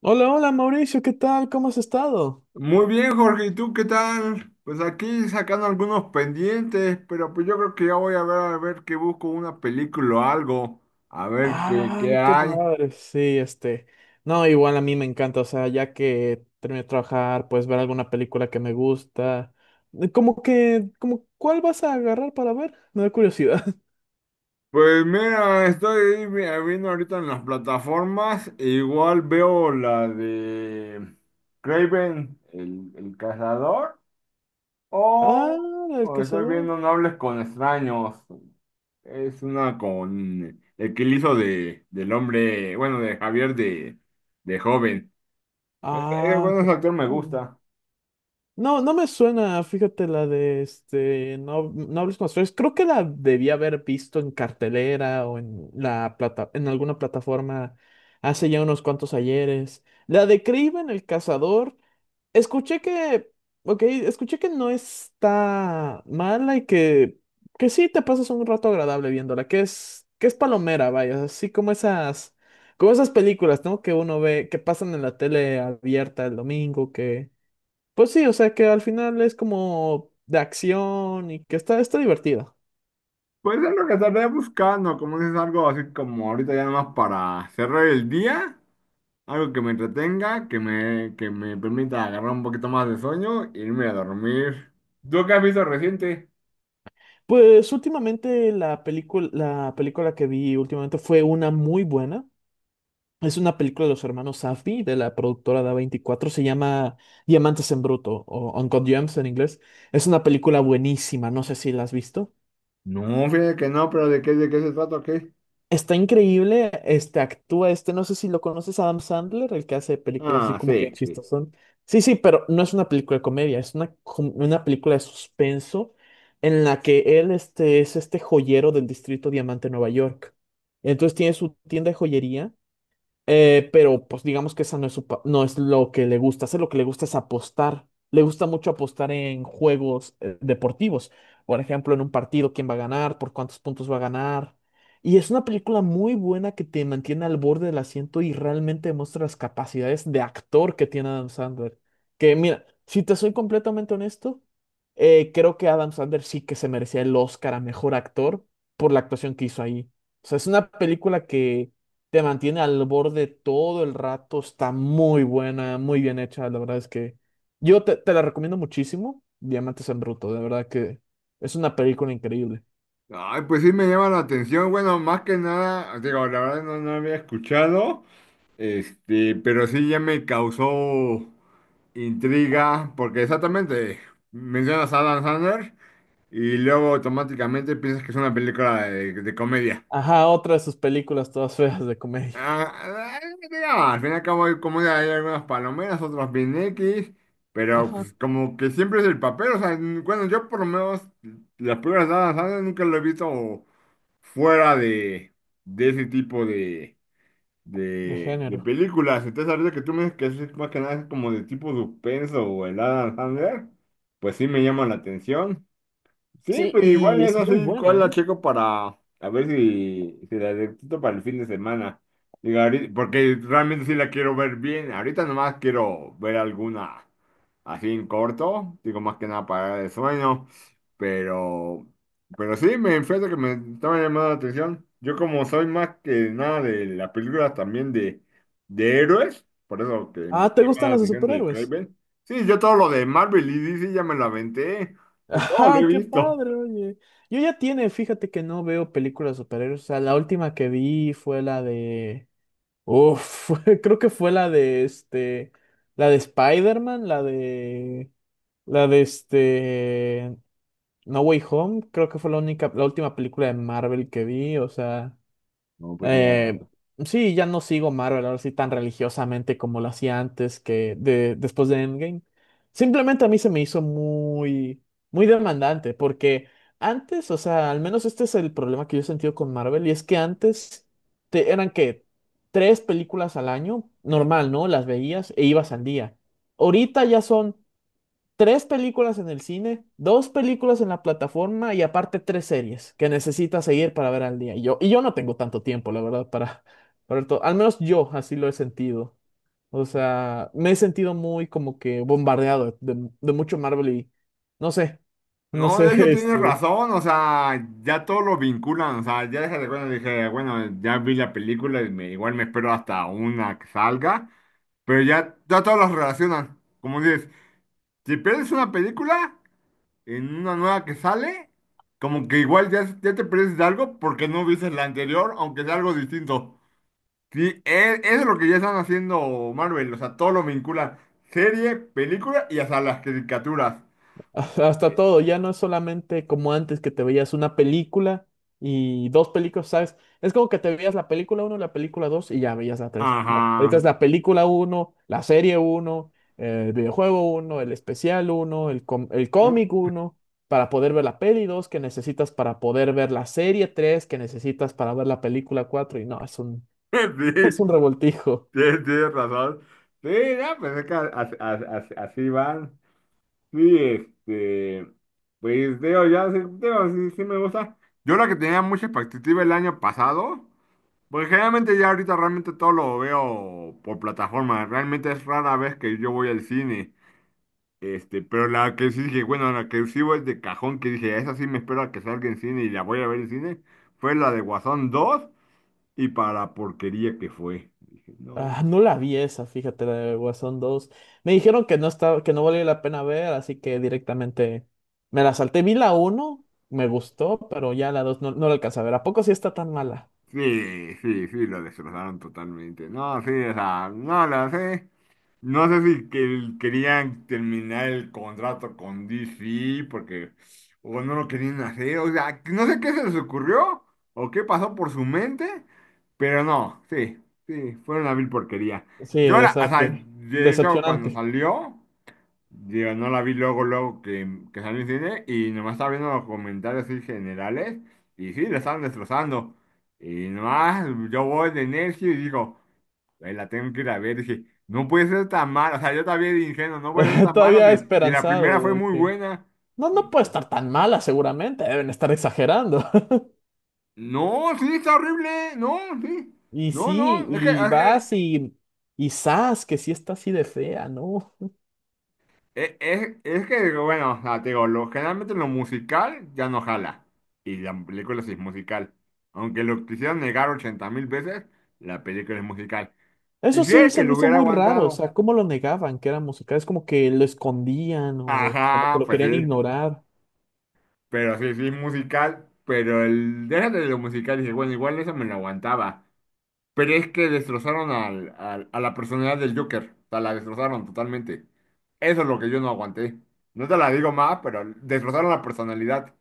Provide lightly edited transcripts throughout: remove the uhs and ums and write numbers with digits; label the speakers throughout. Speaker 1: Hola, hola Mauricio, ¿qué tal? ¿Cómo has estado?
Speaker 2: Muy bien, Jorge, ¿y tú qué tal? Pues aquí sacando algunos pendientes, pero pues yo creo que ya voy a ver que busco una película o algo, a ver
Speaker 1: Ah,
Speaker 2: qué
Speaker 1: qué
Speaker 2: hay.
Speaker 1: padre. Sí, este. No, igual a mí me encanta, o sea, ya que terminé de trabajar, pues ver alguna película que me gusta. ¿Cuál vas a agarrar para ver? Me da curiosidad.
Speaker 2: Pues mira, viendo ahorita en las plataformas, e igual veo la de Craven, el cazador,
Speaker 1: Ah,
Speaker 2: o,
Speaker 1: el
Speaker 2: o estoy
Speaker 1: cazador.
Speaker 2: viendo No hables con extraños, es una con el que le hizo del hombre, bueno, de Javier de joven. Ese
Speaker 1: Ah,
Speaker 2: bueno,
Speaker 1: qué
Speaker 2: ese actor me
Speaker 1: padre.
Speaker 2: gusta.
Speaker 1: No, no me suena, fíjate la de este, no, no hables con los feos. Creo que la debía haber visto en cartelera o en alguna plataforma hace ya unos cuantos ayeres. La de Kraven el cazador, escuché que, ok, escuché que no está mala y que sí te pasas un rato agradable viéndola, que es palomera, vaya, así como esas películas, ¿no? Que uno ve, que pasan en la tele abierta el domingo, que pues sí, o sea que al final es como de acción y que está divertida.
Speaker 2: Puede ser lo que estaré buscando, como dices, algo así como ahorita ya nomás para cerrar el día, algo que me entretenga, que me permita agarrar un poquito más de sueño e irme a dormir. ¿Tú qué has visto reciente?
Speaker 1: Pues últimamente la película que vi últimamente fue una muy buena. Es una película de los hermanos Safdie, de la productora de 24 se llama Diamantes en Bruto o Uncut Gems en inglés. Es una película buenísima, no sé si la has visto.
Speaker 2: No, fíjate que no, pero ¿de qué se trata o qué?
Speaker 1: Está increíble, este actúa este, no sé si lo conoces, Adam Sandler, el que hace películas así
Speaker 2: Ah,
Speaker 1: como que
Speaker 2: sí, sí.
Speaker 1: chistosón. Sí, sí, pero no es una película de comedia, es una película de suspenso en la que él este, es este joyero del distrito Diamante, Nueva York. Entonces tiene su tienda de joyería pero pues digamos que esa no es lo que le gusta hacer, lo que le gusta es apostar. Le gusta mucho apostar en juegos deportivos. Por ejemplo, en un partido, quién va a ganar, por cuántos puntos va a ganar. Y es una película muy buena que te mantiene al borde del asiento y realmente muestra las capacidades de actor que tiene Adam Sandler. Que mira, si te soy completamente honesto, creo que Adam Sandler sí que se merecía el Oscar a mejor actor por la actuación que hizo ahí. O sea, es una película que te mantiene al borde todo el rato, está muy buena, muy bien hecha, la verdad es que yo te la recomiendo muchísimo, Diamantes en Bruto, de verdad que es una película increíble.
Speaker 2: Ay, pues sí me llama la atención. Bueno, más que nada, digo, la verdad no había escuchado, pero sí ya me causó. Intriga, porque exactamente mencionas a Adam Sandler y luego automáticamente piensas que es una película de comedia.
Speaker 1: Ajá, otra de sus películas todas feas de comedia,
Speaker 2: Ah, ah, mira, al fin y al cabo hay comedia, hay algunas palomeras, otras bien X, pero
Speaker 1: ajá,
Speaker 2: pues, como que siempre es el papel. O sea, bueno, yo por lo menos las películas de Adam Sandler nunca lo he visto fuera de ese tipo de
Speaker 1: de género.
Speaker 2: Películas, entonces ahorita que tú me dices que es más que nada es como de tipo suspenso o el Adam Sandler, pues sí me llama la atención. Sí,
Speaker 1: Sí,
Speaker 2: pues igual
Speaker 1: y
Speaker 2: es
Speaker 1: es muy
Speaker 2: así, cuál
Speaker 1: buena,
Speaker 2: la
Speaker 1: ¿eh?
Speaker 2: checo para a ver si la detecto para el fin de semana. Digo, ahorita- porque realmente sí la quiero ver bien. Ahorita nomás quiero ver alguna así en corto, digo más que nada para el sueño, pero, pero sí, me fíjate que me estaba llamando la atención. Yo como soy más que nada de las películas también de héroes, por eso que me
Speaker 1: Ah,
Speaker 2: está
Speaker 1: ¿te
Speaker 2: llamando
Speaker 1: gustan
Speaker 2: la
Speaker 1: las de
Speaker 2: atención de
Speaker 1: superhéroes?
Speaker 2: Craven. Sí, yo todo lo de Marvel y DC ya me lo aventé, de todo lo he
Speaker 1: Ajá, qué
Speaker 2: visto.
Speaker 1: padre, oye. Yo ya tiene, fíjate que no veo películas de superhéroes, o sea, la última que vi fue la de... Uf, creo que fue la de este, la de Spider-Man, la de este, No Way Home, creo que fue la única, la última película de Marvel que vi, o sea,
Speaker 2: No, pues lleva
Speaker 1: eh,
Speaker 2: rato.
Speaker 1: sí, ya no sigo Marvel ahora sí tan religiosamente como lo hacía antes después de Endgame. Simplemente a mí se me hizo muy, muy demandante porque antes, o sea, al menos este es el problema que yo he sentido con Marvel y es que antes eran que tres películas al año, normal, ¿no? Las veías e ibas al día. Ahorita ya son tres películas en el cine, dos películas en la plataforma y aparte tres series que necesitas seguir para ver al día. Y yo no tengo tanto tiempo, la verdad, para ver todo. Al menos yo así lo he sentido. O sea, me he sentido muy como que bombardeado de mucho Marvel y no sé, no
Speaker 2: No, de hecho
Speaker 1: sé,
Speaker 2: tienes
Speaker 1: este,
Speaker 2: razón, o sea, ya todo lo vinculan, o sea, ya déjate cuando dije, bueno, ya vi la película y me, igual me espero hasta una que salga, pero ya todos los relacionan. Como dices, si pierdes una película en una nueva que sale, como que igual ya te pierdes de algo porque no viste la anterior, aunque sea algo distinto. Sí, eso es lo que ya están haciendo Marvel, o sea, todo lo vinculan, serie, película y hasta las caricaturas.
Speaker 1: Hasta
Speaker 2: Eh,
Speaker 1: todo, ya no es solamente como antes que te veías una película y dos películas, ¿sabes? Es como que te veías la película uno la película 2 y ya veías la tres. No, ahorita
Speaker 2: Ajá.
Speaker 1: es la película uno la serie uno el videojuego uno el especial uno el cómic uno para poder ver la peli 2 que necesitas para poder ver la serie 3 que necesitas para ver la película 4 y no, es un, es
Speaker 2: Sí,
Speaker 1: un revoltijo.
Speaker 2: tienes razón. Sí, no, pues es que así, van. Sí, este, pues digo, ya sí, digo, sí me gusta. Yo la que tenía mucha expectativa el año pasado, porque generalmente ya ahorita realmente todo lo veo por plataforma. Realmente es rara vez que yo voy al cine. Pero la que sí dije, bueno, la que sí voy de cajón, que dije, esa sí me espero a que salga en cine y la voy a ver en cine, fue la de Guasón 2 y para la porquería que fue. Dije, no.
Speaker 1: Ah, no la vi esa, fíjate, la de Guasón dos. Me dijeron que no estaba, que no valía la pena ver, así que directamente me la salté. Vi la uno, me gustó, pero ya la 2 no, no la alcancé a ver. ¿A poco sí está tan mala?
Speaker 2: Sí, sí, sí, lo destrozaron totalmente. No, sí, o sea, no lo sé. No sé si querían terminar el contrato con DC porque o no lo querían hacer. O sea, no sé qué se les ocurrió o qué pasó por su mente, pero no, sí, sí, fue una vil porquería.
Speaker 1: Sí,
Speaker 2: Yo
Speaker 1: o
Speaker 2: ahora, o
Speaker 1: sea
Speaker 2: sea,
Speaker 1: que
Speaker 2: de hecho, cuando
Speaker 1: decepcionante.
Speaker 2: salió. Digo, no la vi luego, luego que salió en cine y nomás estaba viendo los comentarios así generales y sí, la estaban destrozando. Y nomás yo voy de necio y digo, "Ay, la tengo que ir a ver. Dije, no puede ser tan mala, o sea, yo también de ingenuo, no puede ser tan mala
Speaker 1: Todavía
Speaker 2: si la primera
Speaker 1: esperanzado
Speaker 2: fue
Speaker 1: de
Speaker 2: muy
Speaker 1: que
Speaker 2: buena.
Speaker 1: no, no
Speaker 2: Y,
Speaker 1: puede estar tan mala, seguramente. Deben estar exagerando.
Speaker 2: no, sí, está horrible, no, sí,
Speaker 1: Y
Speaker 2: no,
Speaker 1: sí,
Speaker 2: no, es que,
Speaker 1: y
Speaker 2: es que
Speaker 1: vas y zas, que sí está así de fea, ¿no?
Speaker 2: es que, digo, bueno, o sea, te digo, lo, generalmente lo musical ya no jala. Y la película sí es musical. Aunque lo quisieran negar 80 mil veces, la película es musical. Y
Speaker 1: Eso sí
Speaker 2: fíjate
Speaker 1: se
Speaker 2: que
Speaker 1: me
Speaker 2: lo
Speaker 1: hizo
Speaker 2: hubiera
Speaker 1: muy raro, o
Speaker 2: aguantado.
Speaker 1: sea, cómo lo negaban que era musical, es como que lo escondían o como que
Speaker 2: Ajá,
Speaker 1: lo
Speaker 2: pues
Speaker 1: querían
Speaker 2: sí.
Speaker 1: ignorar.
Speaker 2: Pero sí, sí es musical. Pero el, déjate de lo musical y dice, bueno, igual eso me lo aguantaba. Pero es que destrozaron a la personalidad del Joker. O sea, la destrozaron totalmente. Eso es lo que yo no aguanté. No te la digo más, pero destrozaron la personalidad.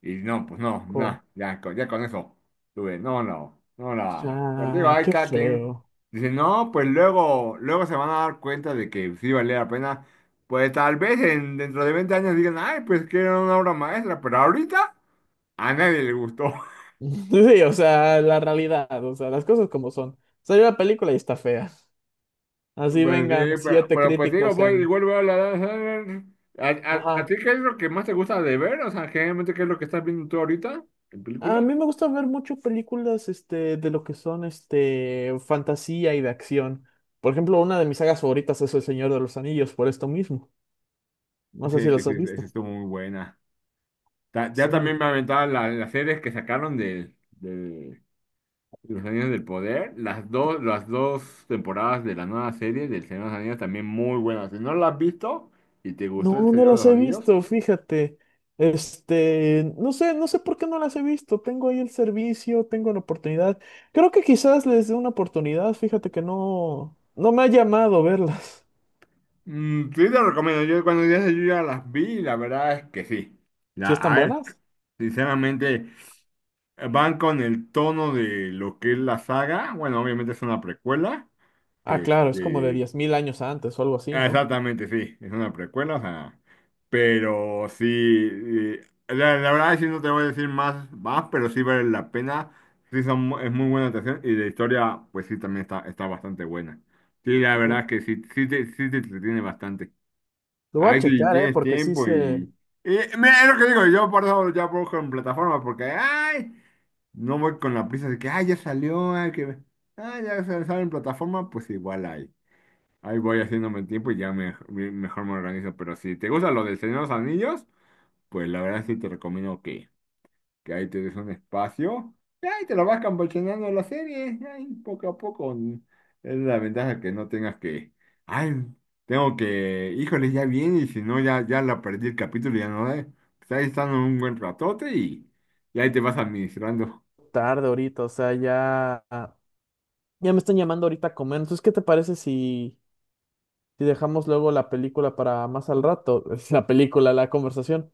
Speaker 2: Y no, pues no,
Speaker 1: co-
Speaker 2: no, ya, ya con eso tuve, no, no, no
Speaker 1: O
Speaker 2: la. Pero digo,
Speaker 1: sea,
Speaker 2: hay
Speaker 1: qué
Speaker 2: cada quien
Speaker 1: feo.
Speaker 2: dice, no, pues luego, luego se van a dar cuenta de que sí valía la pena. Pues tal vez en, dentro de 20 años digan, ay, pues que era una obra maestra, pero ahorita a nadie le gustó.
Speaker 1: Sí, o sea, la realidad, o sea, las cosas como son. Salió la película y está fea. Así
Speaker 2: Pues
Speaker 1: vengan
Speaker 2: sí,
Speaker 1: siete
Speaker 2: pero pues digo,
Speaker 1: críticos
Speaker 2: voy,
Speaker 1: en...
Speaker 2: igual voy a la danza. ¿A, a
Speaker 1: Ajá.
Speaker 2: ti qué es lo que más te gusta de ver? O sea, generalmente, ¿qué es lo que estás viendo tú ahorita en
Speaker 1: A
Speaker 2: películas?
Speaker 1: mí me gusta ver mucho películas, este, de lo que son, este, fantasía y de acción. Por ejemplo, una de mis sagas favoritas es El Señor de los Anillos, por esto mismo. No
Speaker 2: Sí,
Speaker 1: sé si
Speaker 2: es que
Speaker 1: las
Speaker 2: sí,
Speaker 1: has
Speaker 2: esa
Speaker 1: visto.
Speaker 2: estuvo muy buena. Ya también me aventaban las series que sacaron de Los Anillos del Poder. Las dos temporadas de la nueva serie del Señor de los Anillos también muy buenas. Si no la has visto y te gustó el
Speaker 1: No, no
Speaker 2: Señor de
Speaker 1: las
Speaker 2: los
Speaker 1: he
Speaker 2: Anillos,
Speaker 1: visto, fíjate. Este, no sé, no sé por qué no las he visto. Tengo ahí el servicio, tengo la oportunidad. Creo que quizás les dé una oportunidad, fíjate que no, no me ha llamado verlas.
Speaker 2: mm, sí te recomiendo. Yo cuando ya las vi, y la verdad es que sí. La,
Speaker 1: Si están
Speaker 2: a ver,
Speaker 1: buenas.
Speaker 2: sinceramente, van con el tono de lo que es la saga. Bueno, obviamente es una precuela.
Speaker 1: Ah, claro, es como de
Speaker 2: Este,
Speaker 1: 10,000 años antes o algo así,
Speaker 2: Ah,
Speaker 1: ¿no?
Speaker 2: exactamente, sí, es una precuela, o sea, pero sí, eh, la, la verdad sí no te voy a decir más, pero sí vale la pena, sí son, es muy buena atención y la historia, pues sí, también está, está bastante buena. Sí, la verdad
Speaker 1: Lo
Speaker 2: es que sí, sí te entretiene bastante.
Speaker 1: lo voy a
Speaker 2: Ahí sí
Speaker 1: checar, ¿eh?
Speaker 2: tienes
Speaker 1: Porque sí
Speaker 2: tiempo
Speaker 1: se
Speaker 2: y mira, es lo que digo, yo por eso ya busco en plataformas, porque, ay, no voy con la prisa de que, ay, ya salió, ay, que, ay, ya sale en plataforma, pues igual hay. Ahí voy haciéndome el tiempo y ya mejor me organizo. Pero si te gusta lo del Señor de los Anillos, pues la verdad sí te recomiendo que ahí te des un espacio. Y ahí te lo vas campechaneando la serie. Ahí poco a poco. Es la ventaja que no tengas que. Ay, tengo que. Híjole, ya viene. Y si no, ya, ya la perdí el capítulo y ya no da". Pues ahí están un buen ratote y ahí te vas administrando.
Speaker 1: tarde ahorita, o sea, ya me están llamando ahorita a comer. Entonces, ¿qué te parece si dejamos luego la película para más al rato? La película, la conversación.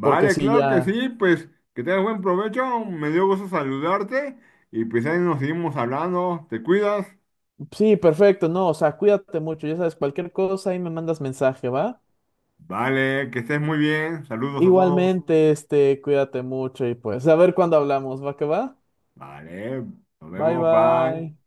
Speaker 1: Porque sí,
Speaker 2: claro que
Speaker 1: ya.
Speaker 2: sí, pues que tengas buen provecho, me dio gusto saludarte y pues ahí nos seguimos hablando, te cuidas,
Speaker 1: Sí, perfecto, no, o sea, cuídate mucho, ya sabes, cualquier cosa ahí me mandas mensaje, ¿va?
Speaker 2: vale, que estés muy bien, saludos a todos,
Speaker 1: Igualmente, este, cuídate mucho y pues, a ver cuándo hablamos, ¿va que va?
Speaker 2: vale, nos
Speaker 1: Bye,
Speaker 2: vemos,
Speaker 1: bye.
Speaker 2: bye.